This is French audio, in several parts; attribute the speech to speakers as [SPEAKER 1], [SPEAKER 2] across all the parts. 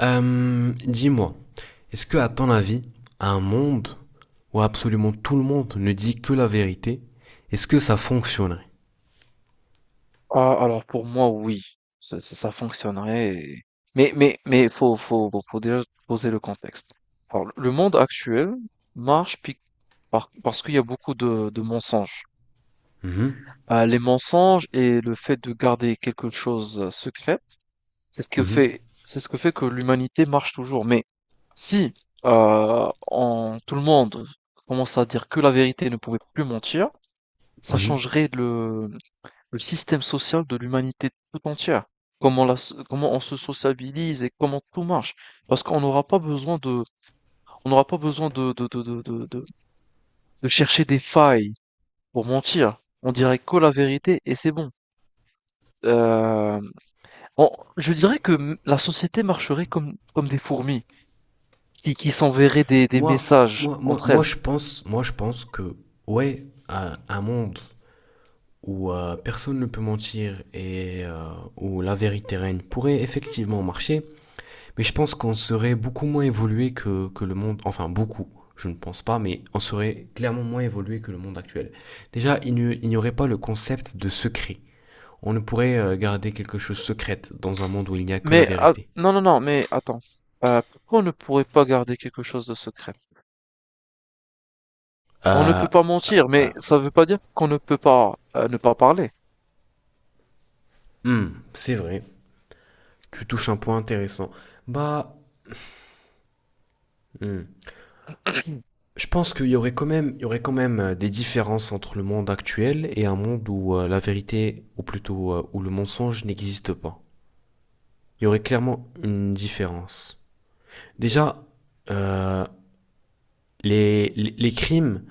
[SPEAKER 1] Dis-moi, est-ce que, à ton avis, un monde où absolument tout le monde ne dit que la vérité, est-ce que ça fonctionnerait?
[SPEAKER 2] Ah, alors pour moi, oui, ça, ça fonctionnerait. Mais faut déjà poser le contexte. Alors, le monde actuel marche parce qu'il y a beaucoup de mensonges.
[SPEAKER 1] Mhm,
[SPEAKER 2] Les mensonges et le fait de garder quelque chose secrète,
[SPEAKER 1] mhm,
[SPEAKER 2] c'est ce que fait que l'humanité marche toujours. Mais si tout le monde commence à dire que la vérité et ne pouvait plus mentir, ça
[SPEAKER 1] mhm.
[SPEAKER 2] changerait le système social de l'humanité tout entière, comment, comment on se sociabilise et comment tout marche. Parce qu'on n'aura pas besoin de, on n'aura pas besoin de chercher des failles pour mentir. On dirait que la vérité et c'est bon. Euh, on- je dirais la société marcherait comme, comme des fourmis, qui s'enverraient des
[SPEAKER 1] Moi,
[SPEAKER 2] messages
[SPEAKER 1] moi, moi,
[SPEAKER 2] entre
[SPEAKER 1] moi,
[SPEAKER 2] elles.
[SPEAKER 1] je pense, moi, je pense que, ouais, un monde où personne ne peut mentir et où la vérité règne pourrait effectivement marcher. Mais je pense qu'on serait beaucoup moins évolué que le monde, enfin beaucoup, je ne pense pas, mais on serait clairement moins évolué que le monde actuel. Déjà, il n'y aurait pas le concept de secret. On ne pourrait garder quelque chose secrète dans un monde où il n'y a que la
[SPEAKER 2] Mais ah,
[SPEAKER 1] vérité.
[SPEAKER 2] non, non, non, mais attends. Pourquoi on ne pourrait pas garder quelque chose de secret? On ne
[SPEAKER 1] Euh,
[SPEAKER 2] peut pas mentir,
[SPEAKER 1] euh,
[SPEAKER 2] mais ça ne veut pas dire qu'on ne peut pas ne pas parler.
[SPEAKER 1] hmm, c'est vrai, tu touches un point intéressant. Bah, hmm, je pense qu'il y aurait quand même, il y aurait quand même des différences entre le monde actuel et un monde où la vérité, ou plutôt où le mensonge n'existe pas. Il y aurait clairement une différence. Déjà, euh, les crimes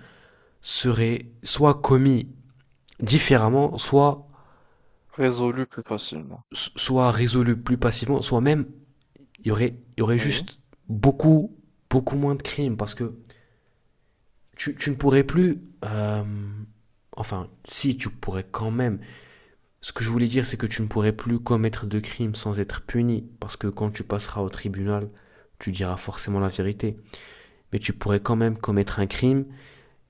[SPEAKER 1] seraient soit commis différemment,
[SPEAKER 2] Résolu plus facilement.
[SPEAKER 1] soit résolus plus passivement, soit même il y aurait
[SPEAKER 2] Oui.
[SPEAKER 1] juste beaucoup, beaucoup moins de crimes parce que tu ne pourrais plus. euh, enfin, si, tu pourrais quand même. Ce que je voulais dire, c'est que tu ne pourrais plus commettre de crimes sans être puni parce que quand tu passeras au tribunal, tu diras forcément la vérité. Mais tu pourrais quand même commettre un crime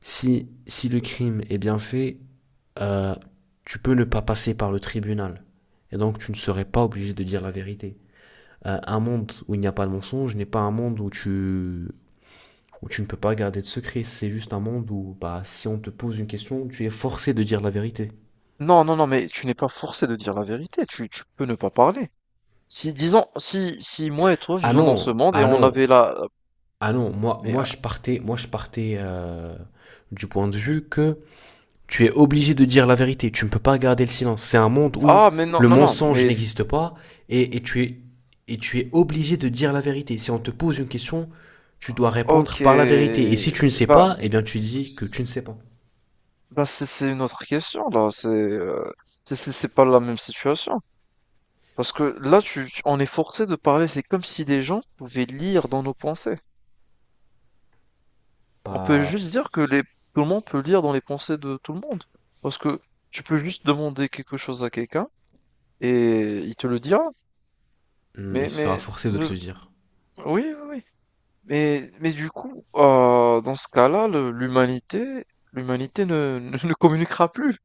[SPEAKER 1] si, si le crime est bien fait euh, tu peux ne pas passer par le tribunal. Et donc, tu ne serais pas obligé de dire la vérité. Un monde où il n'y a pas de mensonge n'est pas un monde où tu ne peux pas garder de secret. C'est juste un monde où, bah, si on te pose une question, tu es forcé de dire la vérité.
[SPEAKER 2] Non, non, non, mais tu n'es pas forcé de dire la vérité, tu peux ne pas parler. Si, disons, si, si moi et toi
[SPEAKER 1] Ah
[SPEAKER 2] vivons dans ce
[SPEAKER 1] non,
[SPEAKER 2] monde et
[SPEAKER 1] ah
[SPEAKER 2] on
[SPEAKER 1] non,
[SPEAKER 2] avait la...
[SPEAKER 1] ah non.
[SPEAKER 2] Mais,
[SPEAKER 1] Moi, je partais du point de vue que tu es obligé de dire la vérité. Tu ne peux pas garder le silence. C'est un monde où
[SPEAKER 2] ah, mais non,
[SPEAKER 1] le
[SPEAKER 2] non, non,
[SPEAKER 1] mensonge
[SPEAKER 2] mais...
[SPEAKER 1] n'existe pas et et tu es obligé de dire la vérité. Si on te pose une question, tu dois répondre
[SPEAKER 2] Ok,
[SPEAKER 1] par la vérité. Et si tu ne sais
[SPEAKER 2] bah,
[SPEAKER 1] pas, eh bien tu dis que tu ne sais pas.
[SPEAKER 2] bah c'est une autre question, là, c'est pas la même situation. Parce que là, on est forcé de parler, c'est comme si des gens pouvaient lire dans nos pensées. On peut
[SPEAKER 1] Pas.
[SPEAKER 2] juste dire que tout le monde peut lire dans les pensées de tout le monde. Parce que tu peux juste demander quelque chose à quelqu'un et il te le dira.
[SPEAKER 1] Hmm, il
[SPEAKER 2] Mais,
[SPEAKER 1] sera
[SPEAKER 2] mais,
[SPEAKER 1] forcé de
[SPEAKER 2] nous-
[SPEAKER 1] te le dire.
[SPEAKER 2] oui, oui, oui. Mais du coup, dans ce cas-là, l'humanité, l'humanité ne, ne, ne communiquera plus.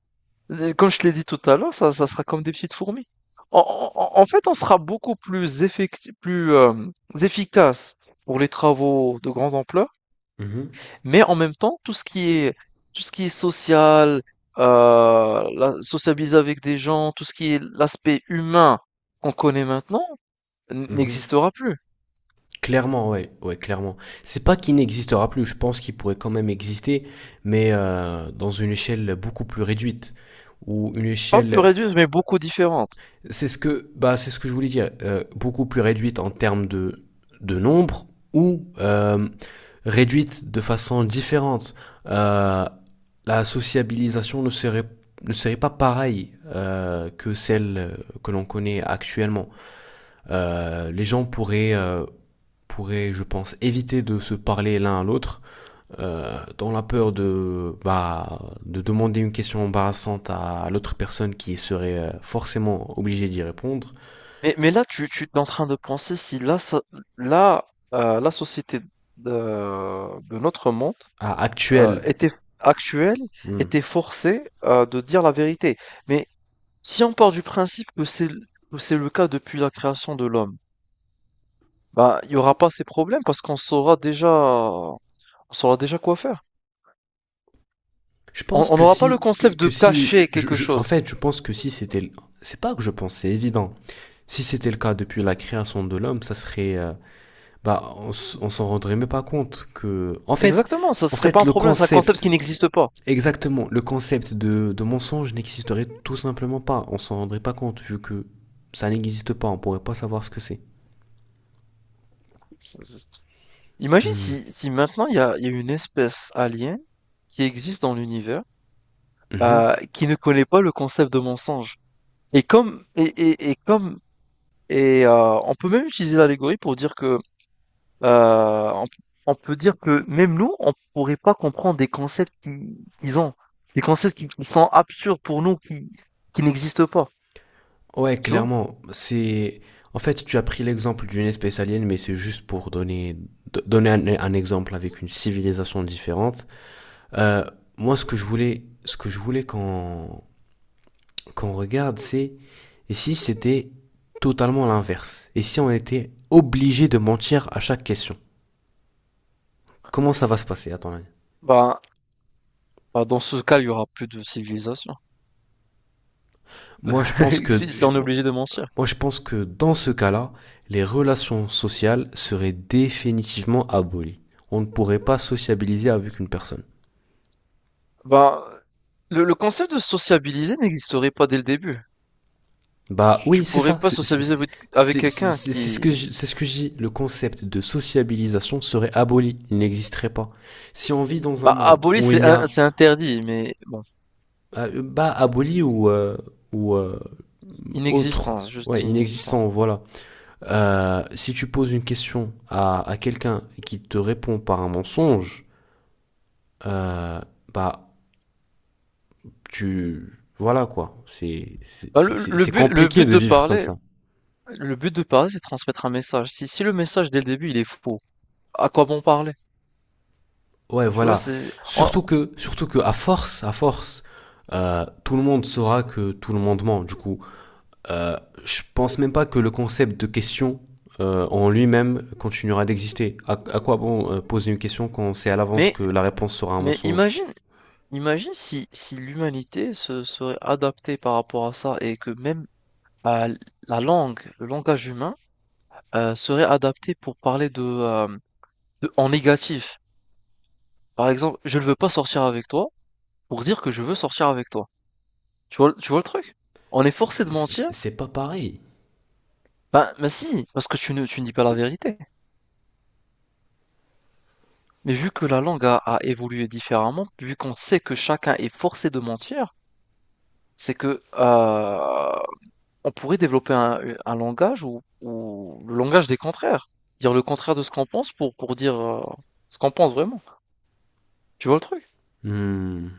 [SPEAKER 2] Et comme je te l'ai dit tout à l'heure, ça sera comme des petites fourmis. En, En fait, on sera beaucoup plus efficace pour les travaux de grande ampleur,
[SPEAKER 1] Mhm,
[SPEAKER 2] mais en même temps, tout ce qui est social, sociabiliser avec des gens, tout ce qui est l'aspect humain qu'on connaît maintenant,
[SPEAKER 1] mhm.
[SPEAKER 2] n'existera plus.
[SPEAKER 1] Clairement, ouais, ouais, clairement. C'est pas qu'il n'existera plus. Je pense qu'il pourrait quand même exister, mais dans une échelle beaucoup plus réduite ou une
[SPEAKER 2] Pas plus
[SPEAKER 1] échelle.
[SPEAKER 2] réduite, mais beaucoup différente.
[SPEAKER 1] C'est ce que, bah, c'est ce que je voulais dire. Beaucoup plus réduite en termes de nombre ou réduite de façon différente. Euh, la sociabilisation ne serait pas pareille que celle que l'on connaît actuellement. Les gens pourraient, je pense, éviter de se parler l'un à l'autre dans la peur de, bah, de demander une question embarrassante à l'autre personne qui serait forcément obligée d'y répondre.
[SPEAKER 2] Mais là, tu es en train de penser si là, là, la société de notre monde
[SPEAKER 1] Ah, actuel.
[SPEAKER 2] était actuelle,
[SPEAKER 1] Hmm.
[SPEAKER 2] était forcée de dire la vérité. Mais si on part du principe que que c'est le cas depuis la création de l'homme, bah, il n'y aura pas ces problèmes parce qu'on saura déjà, on saura déjà quoi faire.
[SPEAKER 1] Je
[SPEAKER 2] On
[SPEAKER 1] pense
[SPEAKER 2] on n'aura pas le concept de
[SPEAKER 1] que si,
[SPEAKER 2] cacher quelque
[SPEAKER 1] je- en
[SPEAKER 2] chose.
[SPEAKER 1] fait, Je pense que si c'était, c'est pas que je pense, c'est évident. Si c'était le cas depuis la création de l'homme, ça serait, bah, on s'en rendrait même pas compte que, en fait,
[SPEAKER 2] Exactement, ça
[SPEAKER 1] en
[SPEAKER 2] serait pas
[SPEAKER 1] fait,
[SPEAKER 2] un
[SPEAKER 1] le
[SPEAKER 2] problème, c'est un concept
[SPEAKER 1] concept,
[SPEAKER 2] qui n'existe pas.
[SPEAKER 1] exactement, le concept de mensonge n'existerait tout simplement pas. On s'en rendrait pas compte vu que ça n'existe pas. On pourrait pas savoir ce que c'est.
[SPEAKER 2] Ça- ça- Imagine
[SPEAKER 1] Hmm.
[SPEAKER 2] si, si maintenant il y a une espèce alien qui existe dans l'univers,
[SPEAKER 1] Mhm.
[SPEAKER 2] qui ne connaît pas le concept de mensonge. Et comme et comme et On peut même utiliser l'allégorie pour dire que euh, on, on peut dire que même nous on pourrait pas comprendre des concepts qu'ils ont, des concepts qui sont absurdes pour nous qui n'existent pas.
[SPEAKER 1] Ouais,
[SPEAKER 2] Tu vois?
[SPEAKER 1] clairement, c'est... En fait, tu as pris l'exemple d'une espèce alien, mais c'est juste pour donner, donner un exemple avec une civilisation différente. Euh, Moi, ce que je voulais qu'on regarde, c'est et si c'était totalement l'inverse? Et si on était obligé de mentir à chaque question? Comment ça va se passer, à ton avis?
[SPEAKER 2] Ben, Bah, dans ce cas, il y aura plus de civilisation.
[SPEAKER 1] Moi, je pense que
[SPEAKER 2] Si, si
[SPEAKER 1] je-
[SPEAKER 2] on est obligé de mentir.
[SPEAKER 1] Moi, je pense que dans ce cas-là, les relations sociales seraient définitivement abolies. On ne pourrait pas sociabiliser avec une personne.
[SPEAKER 2] Bah, le concept de sociabiliser n'existerait pas dès le début.
[SPEAKER 1] Bah oui,
[SPEAKER 2] Tu
[SPEAKER 1] c'est
[SPEAKER 2] pourrais
[SPEAKER 1] ça.
[SPEAKER 2] pas sociabiliser avec quelqu'un qui...
[SPEAKER 1] C'est ce que je dis. Le concept de sociabilisation serait aboli. Il n'existerait pas. Si on vit dans un
[SPEAKER 2] Bah,
[SPEAKER 1] monde
[SPEAKER 2] aboli,
[SPEAKER 1] où il y a
[SPEAKER 2] c'est interdit, mais bon,
[SPEAKER 1] bah aboli ou ou euh, autre,
[SPEAKER 2] inexistant, je dis
[SPEAKER 1] ouais,
[SPEAKER 2] inexistant.
[SPEAKER 1] inexistant, voilà. Si tu poses une question à quelqu'un qui te répond par un mensonge, euh, bah tu voilà quoi,
[SPEAKER 2] Bah,
[SPEAKER 1] c'est
[SPEAKER 2] le
[SPEAKER 1] compliqué
[SPEAKER 2] but
[SPEAKER 1] de
[SPEAKER 2] de
[SPEAKER 1] vivre comme
[SPEAKER 2] parler,
[SPEAKER 1] ça.
[SPEAKER 2] le but de parler, c'est de transmettre un message. Si, si le message dès le début, il est faux, à quoi bon parler?
[SPEAKER 1] Ouais,
[SPEAKER 2] Tu vois,
[SPEAKER 1] voilà.
[SPEAKER 2] c'est...
[SPEAKER 1] Surtout que à force, tout le monde saura que tout le monde ment. Du coup, euh, je pense même pas que le concept de question en lui-même continuera d'exister. À quoi bon poser une question quand on sait à l'avance
[SPEAKER 2] Mais,
[SPEAKER 1] que la réponse sera un
[SPEAKER 2] mais
[SPEAKER 1] mensonge.
[SPEAKER 2] imagine, imagine si, si l'humanité se serait adaptée par rapport à ça et que même euh, la langue, le langage humain, serait adapté pour parler en négatif. Par exemple, je ne veux pas sortir avec toi pour dire que je veux sortir avec toi. Tu vois le truc? On est forcé de mentir?
[SPEAKER 1] C'est pas pareil.
[SPEAKER 2] Ben, mais si, parce que tu ne dis pas la vérité. Mais vu que la langue a évolué différemment, vu qu'on sait que chacun est forcé de mentir, c'est que on pourrait développer un langage ou le langage des contraires. Dire le contraire de ce qu'on pense pour dire ce qu'on pense vraiment. Tu vois le truc?
[SPEAKER 1] Hmm.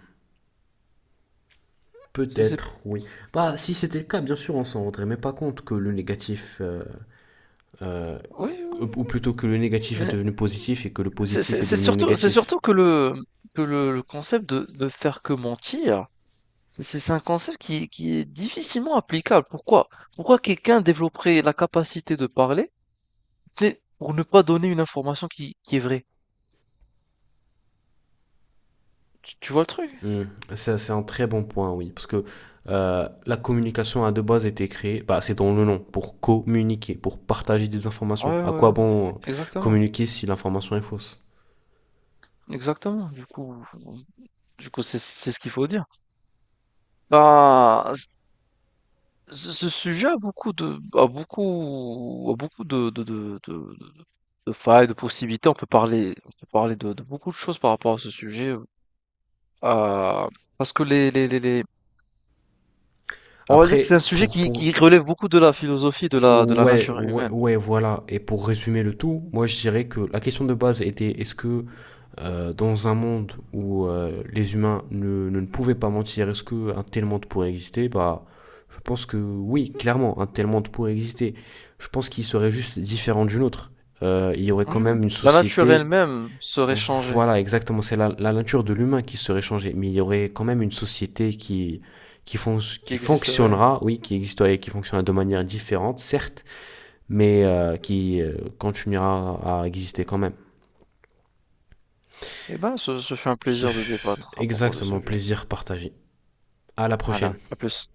[SPEAKER 2] C'est,
[SPEAKER 1] Peut-être,
[SPEAKER 2] c'est-
[SPEAKER 1] oui. Bah, si c'était le cas, bien sûr, on s'en rendrait même pas compte que le négatif Euh,
[SPEAKER 2] Oui, oui, oui.
[SPEAKER 1] ou plutôt que le négatif est
[SPEAKER 2] Mais
[SPEAKER 1] devenu positif et que le positif est devenu
[SPEAKER 2] c'est
[SPEAKER 1] négatif.
[SPEAKER 2] surtout que le concept de ne faire que mentir, c'est un concept qui est difficilement applicable. Pourquoi? Pourquoi quelqu'un développerait la capacité de parler, c'est pour ne pas donner une information qui est vraie? Tu vois le truc?
[SPEAKER 1] Hmm. Ça, c'est un très bon point, oui. Parce que la communication a de base été créée, bah, c'est dans le nom, pour communiquer, pour partager des
[SPEAKER 2] Ouais,
[SPEAKER 1] informations. À quoi
[SPEAKER 2] ouais,
[SPEAKER 1] bon
[SPEAKER 2] exactement.
[SPEAKER 1] communiquer si l'information est fausse?
[SPEAKER 2] Exactement. Du coup, c'est ce qu'il faut dire. Bah, ce sujet a beaucoup a beaucoup de failles, de possibilités. On peut parler de beaucoup de choses par rapport à ce sujet, euh, parce que on va dire que c'est un
[SPEAKER 1] Après,
[SPEAKER 2] sujet
[SPEAKER 1] pour
[SPEAKER 2] qui relève beaucoup de la philosophie de la
[SPEAKER 1] Ouais,
[SPEAKER 2] nature
[SPEAKER 1] ouais,
[SPEAKER 2] humaine.
[SPEAKER 1] ouais, voilà. Et pour résumer le tout, moi je dirais que la question de base était est-ce que dans un monde où les humains ne pouvaient pas mentir, est-ce qu'un tel monde pourrait exister? Bah, je pense que oui, clairement, un tel monde pourrait exister. Je pense qu'il serait juste différent d'une autre. Il y aurait quand
[SPEAKER 2] Oui, oui.
[SPEAKER 1] même une
[SPEAKER 2] La nature
[SPEAKER 1] société,
[SPEAKER 2] elle-même serait changée,
[SPEAKER 1] voilà, exactement, c'est la nature de l'humain qui serait changée, mais il y aurait quand même une société qui, fon-
[SPEAKER 2] qui
[SPEAKER 1] qui
[SPEAKER 2] existerait.
[SPEAKER 1] fonctionnera, oui, qui existerait, qui fonctionnera de manière différente, certes, mais qui continuera à exister quand même.
[SPEAKER 2] Eh ben, ce fut un
[SPEAKER 1] Ce
[SPEAKER 2] plaisir de
[SPEAKER 1] fut
[SPEAKER 2] débattre à propos de ce
[SPEAKER 1] exactement
[SPEAKER 2] sujet.
[SPEAKER 1] plaisir partagé. À la prochaine.
[SPEAKER 2] Voilà. À plus.